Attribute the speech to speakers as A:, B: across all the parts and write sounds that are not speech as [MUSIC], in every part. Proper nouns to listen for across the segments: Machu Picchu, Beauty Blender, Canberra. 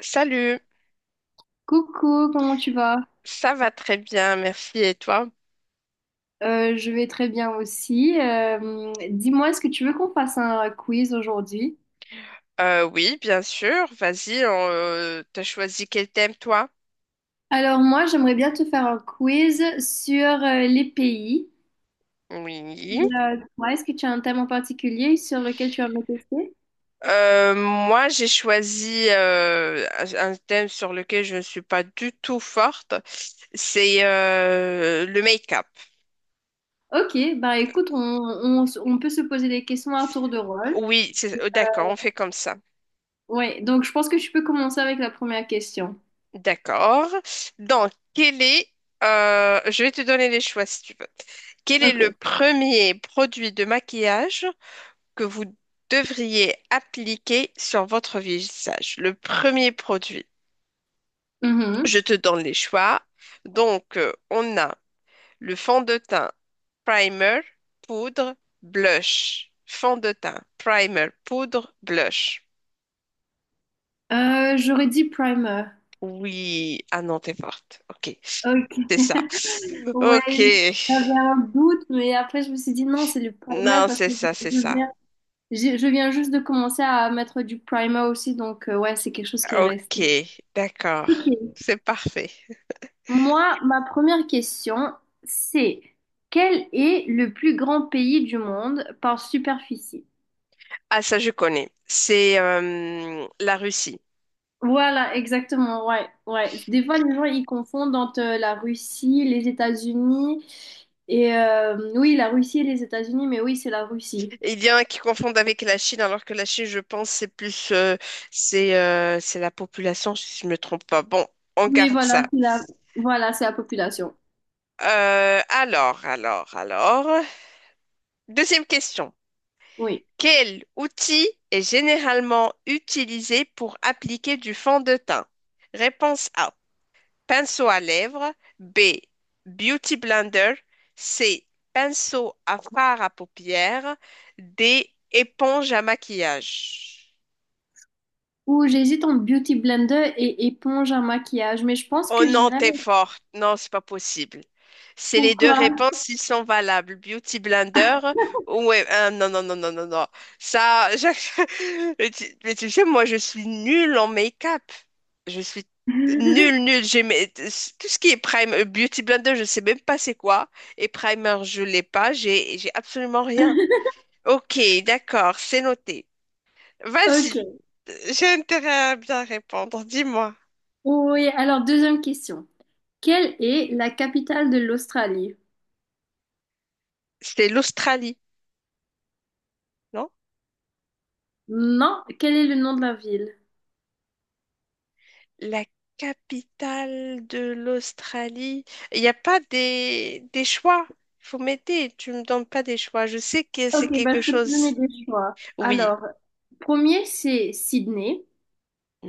A: Salut,
B: Coucou, comment tu vas?
A: ça va très bien, merci. Et toi?
B: Je vais très bien aussi. Dis-moi, est-ce que tu veux qu'on fasse un quiz aujourd'hui?
A: Oui, bien sûr. Vas-y, on, t'as choisi quel thème, toi?
B: Alors moi, j'aimerais bien te faire un quiz sur les pays.
A: Oui.
B: Toi, est-ce que tu as un thème en particulier sur lequel tu vas me tester?
A: Moi, j'ai choisi un thème sur lequel je ne suis pas du tout forte. C'est le make-up.
B: Ok, bah écoute, on peut se poser des questions à tour de rôle.
A: Oui, d'accord, on fait comme ça.
B: Ouais, donc je pense que tu peux commencer avec la première question.
A: D'accord. Donc, quel est... je vais te donner les choix si tu veux. Quel est
B: Ok.
A: le premier produit de maquillage que vous devriez appliquer sur votre visage? Le premier produit,
B: Mhm.
A: je te donne les choix. Donc, on a le fond de teint, primer, poudre, blush. Fond de teint, primer, poudre, blush.
B: J'aurais dit primer.
A: Oui, ah non, t'es forte. Ok, c'est
B: Ok.
A: ça.
B: Ouais,
A: Ok,
B: j'avais un doute, mais après je me suis dit non, c'est le primer
A: non,
B: parce
A: c'est
B: que
A: ça,
B: je
A: c'est
B: je
A: ça.
B: viens, je viens juste de commencer à mettre du primer aussi, donc ouais, c'est quelque chose qui est
A: Ok,
B: resté.
A: d'accord,
B: Ok.
A: c'est parfait.
B: Moi, ma première question, c'est quel est le plus grand pays du monde par superficie?
A: Ah, ça, je connais. C'est la Russie.
B: Voilà, exactement, ouais, ouais. Des fois, les gens, ils confondent entre la Russie, les États-Unis, et oui, la Russie et les États-Unis, mais oui, c'est la Russie.
A: Il y en a qui confondent avec la Chine, alors que la Chine, je pense, c'est plus, c'est la population, si je ne me trompe pas. Bon, on
B: Oui,
A: garde ça.
B: voilà, c'est la population.
A: Alors. Deuxième question.
B: Oui.
A: Quel outil est généralement utilisé pour appliquer du fond de teint? Réponse A, pinceau à lèvres. B, beauty blender. C, pinceau à fard à paupières. D, éponge à maquillage.
B: Ou j'hésite entre Beauty Blender et éponge à maquillage, mais je pense
A: Oh
B: que
A: non,
B: j'irai.
A: t'es forte. Non, c'est pas possible. C'est les deux
B: Pourquoi?
A: réponses, ils sont valables. Beauty Blender, ouais, non, non, non, non, non, non. Ça, [LAUGHS] mais tu sais, moi, je suis nulle en make-up. Je suis nulle,
B: [LAUGHS]
A: nulle. Tout ce qui est prime, Beauty Blender, je sais même pas c'est quoi. Et primer, je l'ai pas. J'ai absolument rien. Ok, d'accord, c'est noté. Vas-y,
B: Ok.
A: j'ai intérêt à bien répondre. Dis-moi,
B: Oui, alors deuxième question. Quelle est la capitale de l'Australie?
A: c'était l'Australie, non?
B: Non, quel est le nom de la ville?
A: La capitale de l'Australie. Il n'y a pas des choix. Faut m'aider. Tu me donnes pas des choix. Je sais que c'est
B: Ok, bah,
A: quelque
B: je peux te donner
A: chose.
B: des choix.
A: Oui.
B: Alors, premier, c'est Sydney.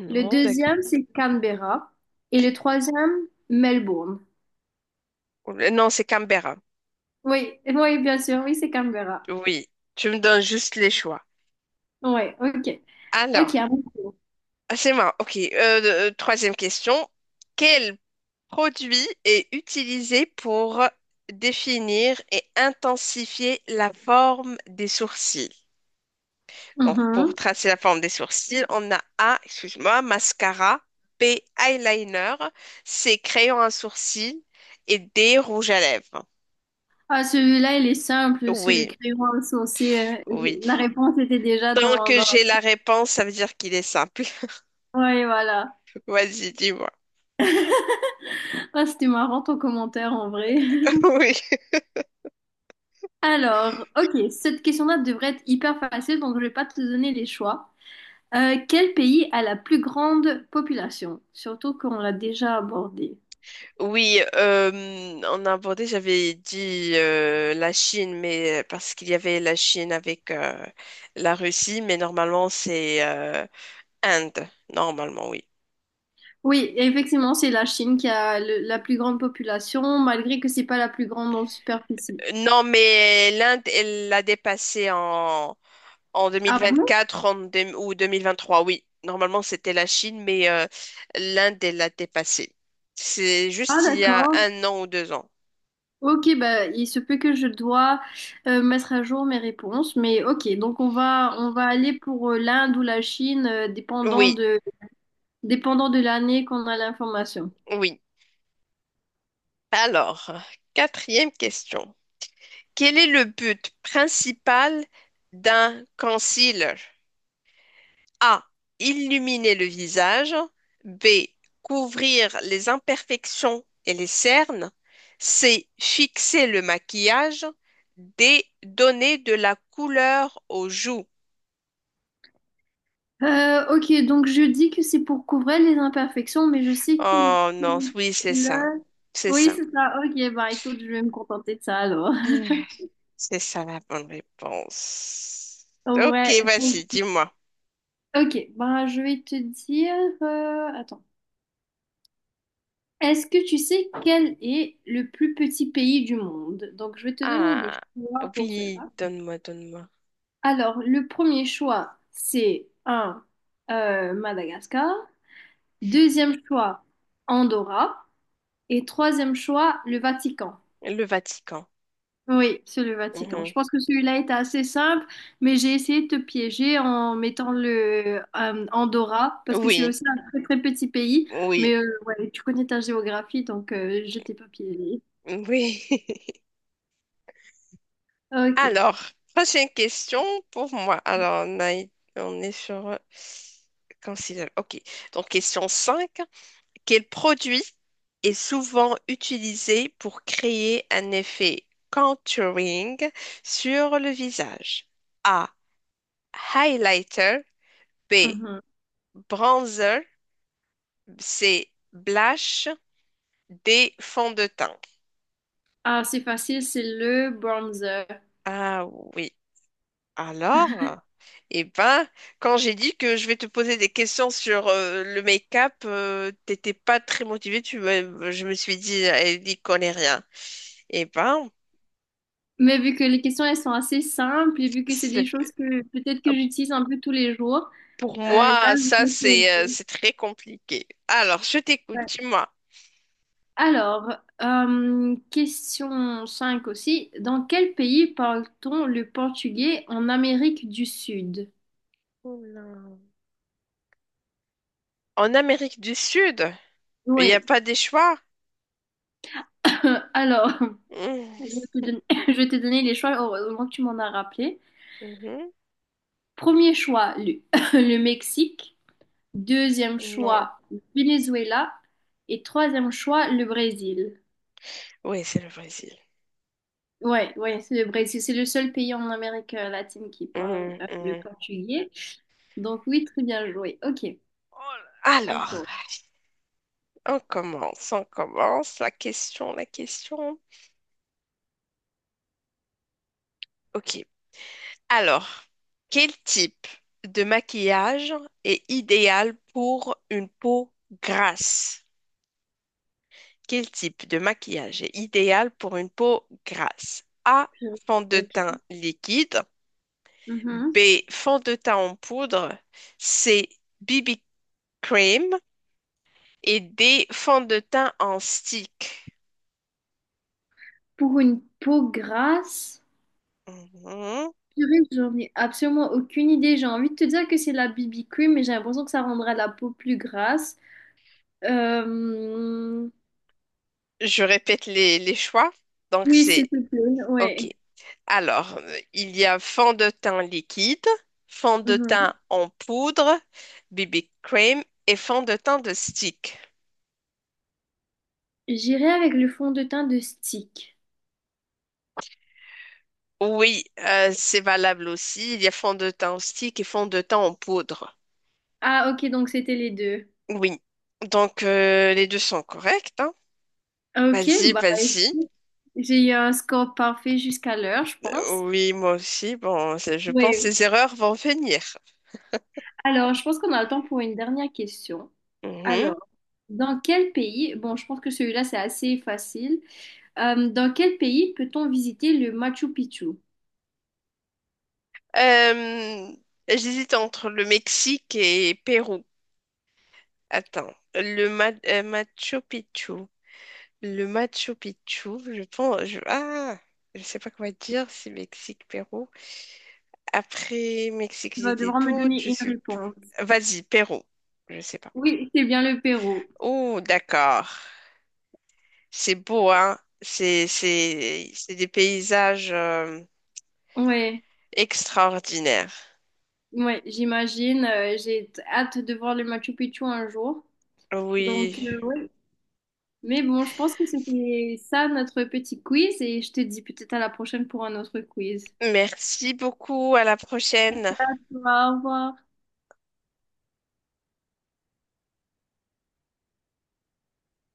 B: Le
A: Non, d'accord.
B: deuxième, c'est Canberra. Et le troisième, Melbourne.
A: Non, c'est Canberra.
B: Oui, oui, bien sûr, oui, c'est Canberra.
A: Oui. Tu me donnes juste les choix.
B: Ouais, ok.
A: Alors,
B: Ok, ah bon.
A: ah, c'est moi. OK. Troisième question. Quel produit est utilisé pour définir et intensifier la forme des sourcils? Donc, pour
B: Mhm.
A: tracer la forme des sourcils, on a A, excuse-moi, mascara, B, eyeliner, C, crayon à sourcils et D, rouge à lèvres.
B: Ah, celui-là, il est simple, c'est le
A: Oui,
B: crayon insensé.
A: oui.
B: La réponse était déjà
A: Tant
B: dans,
A: que
B: dans...
A: j'ai la réponse, ça veut dire qu'il est simple.
B: Ouais, voilà.
A: [LAUGHS] Vas-y, dis-moi.
B: Ah, c'était marrant ton commentaire en vrai.
A: [LAUGHS]
B: [LAUGHS]
A: Oui.
B: Alors, ok, cette question-là devrait être hyper facile, donc je vais pas te donner les choix. Quel pays a la plus grande population? Surtout qu'on l'a déjà abordé.
A: Oui, on a abordé, j'avais dit la Chine, mais parce qu'il y avait la Chine avec la Russie, mais normalement c'est Inde, normalement, oui.
B: Oui, effectivement, c'est la Chine qui a la plus grande population, malgré que c'est pas la plus grande en superficie.
A: Non, mais l'Inde, elle l'a dépassé en
B: Ah bon?
A: 2024 en ou 2023, oui. Normalement, c'était la Chine, mais l'Inde, elle l'a dépassé. C'est
B: Ah
A: juste il y a
B: d'accord.
A: un an ou deux ans.
B: Ok, bah, il se peut que je dois mettre à jour mes réponses, mais ok, donc on va aller pour l'Inde ou la Chine,
A: Oui,
B: dépendant de l'année qu'on a l'information.
A: oui. Alors, quatrième question. Quel est le but principal d'un concile? A. Illuminer le visage. B. Couvrir les imperfections et les cernes. C. Fixer le maquillage. D. Donner de la couleur aux joues.
B: Ok, donc je dis que c'est pour couvrir les imperfections, mais je sais que
A: Oh non,
B: le...
A: oui, c'est ça. C'est
B: Oui,
A: ça.
B: c'est ça, ok, bah écoute, je vais me contenter de ça alors.
A: C'est ça la bonne réponse.
B: [LAUGHS]
A: Ok,
B: Ouais, donc,
A: vas-y, dis-moi.
B: ok, bah je vais te dire... Attends. Est-ce que tu sais quel est le plus petit pays du monde? Donc, je vais te donner des
A: Ah,
B: choix pour
A: oui,
B: cela.
A: donne-moi, donne-moi.
B: Alors, le premier choix, c'est un Madagascar. Deuxième choix, Andorra. Et troisième choix, le Vatican.
A: Le Vatican.
B: Oui, c'est le Vatican. Je
A: Mhm.
B: pense que celui-là était assez simple, mais j'ai essayé de te piéger en mettant le Andorra, parce que c'est
A: Oui,
B: aussi un très très petit pays.
A: oui,
B: Mais ouais, tu connais ta géographie, donc je t'ai pas piégé.
A: oui. [LAUGHS]
B: Ok.
A: Alors, prochaine question pour moi. Alors, on est sur... considère- Ok. Donc, question 5. Quel produit est souvent utilisé pour créer un effet contouring sur le visage? A. Highlighter. B.
B: Mhm.
A: Bronzer. C. Blush. D. Fond de teint.
B: Ah, c'est facile, c'est le bronzer.
A: Ah oui. Alors, eh ben, quand j'ai dit que je vais te poser des questions sur le make-up, t'étais pas très motivé. Je me suis dit, elle n'y connaît rien. Eh ben,
B: Mais vu que les questions, elles sont assez simples et vu que c'est des
A: c'est-
B: choses que peut-être que j'utilise un peu tous les jours,
A: pour
B: là,
A: moi,
B: je
A: ça,
B: vais poser.
A: c'est très compliqué. Alors, je t'écoute,
B: Ouais.
A: dis-moi.
B: Alors, question 5 aussi. Dans quel pays parle-t-on le portugais en Amérique du Sud?
A: Oula. En Amérique du Sud, il n'y a
B: Oui,
A: pas des choix?
B: [LAUGHS] alors, je vais te
A: Mmh.
B: donner, [LAUGHS] je vais te donner les choix, heureusement que tu m'en as rappelé.
A: Mhm.
B: Premier choix, [LAUGHS] le Mexique. Deuxième
A: Non.
B: choix, Venezuela. Et troisième choix, le Brésil.
A: Oui, c'est le Brésil.
B: Ouais, ouais, c'est le Brésil. C'est le seul pays en Amérique latine qui parle
A: Mmh,
B: le
A: mmh.
B: portugais. Donc oui, très bien joué. Ok.
A: Oh
B: Bon
A: Alors.
B: tour.
A: On commence, on commence. La question, la question. Ok. Alors, quel type de maquillage est idéal pour une peau grasse? Quel type de maquillage est idéal pour une peau grasse? A,
B: Purée.
A: fond de
B: Ok.
A: teint liquide.
B: Mhm.
A: B, fond de teint en poudre. C, BB cream. Et D, fond de teint en stick.
B: Pour une peau grasse,
A: Mhm.
B: purée, j'en ai absolument aucune idée. J'ai envie de te dire que c'est la BB cream, mais j'ai l'impression que ça rendra la peau plus grasse. Euh,
A: Je répète les choix. Donc,
B: Oui, s'il
A: c'est
B: te plaît.
A: OK.
B: Ouais.
A: Alors, il y a fond de teint liquide, fond de
B: Mhm.
A: teint en poudre, BB cream et fond de teint de stick.
B: J'irai avec le fond de teint de Stick.
A: Oui, c'est valable aussi. Il y a fond de teint en stick et fond de teint en poudre.
B: Ah, ok, donc c'était les deux.
A: Oui. Donc, les deux sont corrects, hein.
B: Ok,
A: Vas-y,
B: bah
A: vas-y.
B: écoute, j'ai eu un score parfait jusqu'à l'heure, je pense.
A: Oui, moi aussi. Bon, je pense que
B: Oui.
A: ces erreurs vont venir.
B: Alors, je pense qu'on a le temps pour une dernière question.
A: Mhm.
B: Alors, dans quel pays, bon, je pense que celui-là, c'est assez facile. Dans quel pays peut-on visiter le Machu Picchu?
A: Euh, j'hésite entre le Mexique et Pérou. Attends, Machu Picchu. Le Machu Picchu, je pense. Ah, je sais pas quoi dire, c'est Mexique, Pérou. Après Mexique,
B: Tu
A: j'ai
B: vas
A: des
B: devoir me
A: doutes.
B: donner une réponse.
A: Vas-y, Pérou. Je sais pas.
B: Oui, c'est bien le Pérou.
A: Oh, d'accord. C'est beau, hein? C'est des paysages
B: Ouais,
A: extraordinaires.
B: ouais, j'imagine. J'ai hâte de voir le Machu Picchu un jour. Donc,
A: Oui.
B: oui. Mais bon, je pense que c'était ça notre petit quiz et je te dis peut-être à la prochaine pour un autre quiz.
A: Merci beaucoup. À la prochaine.
B: Au revoir.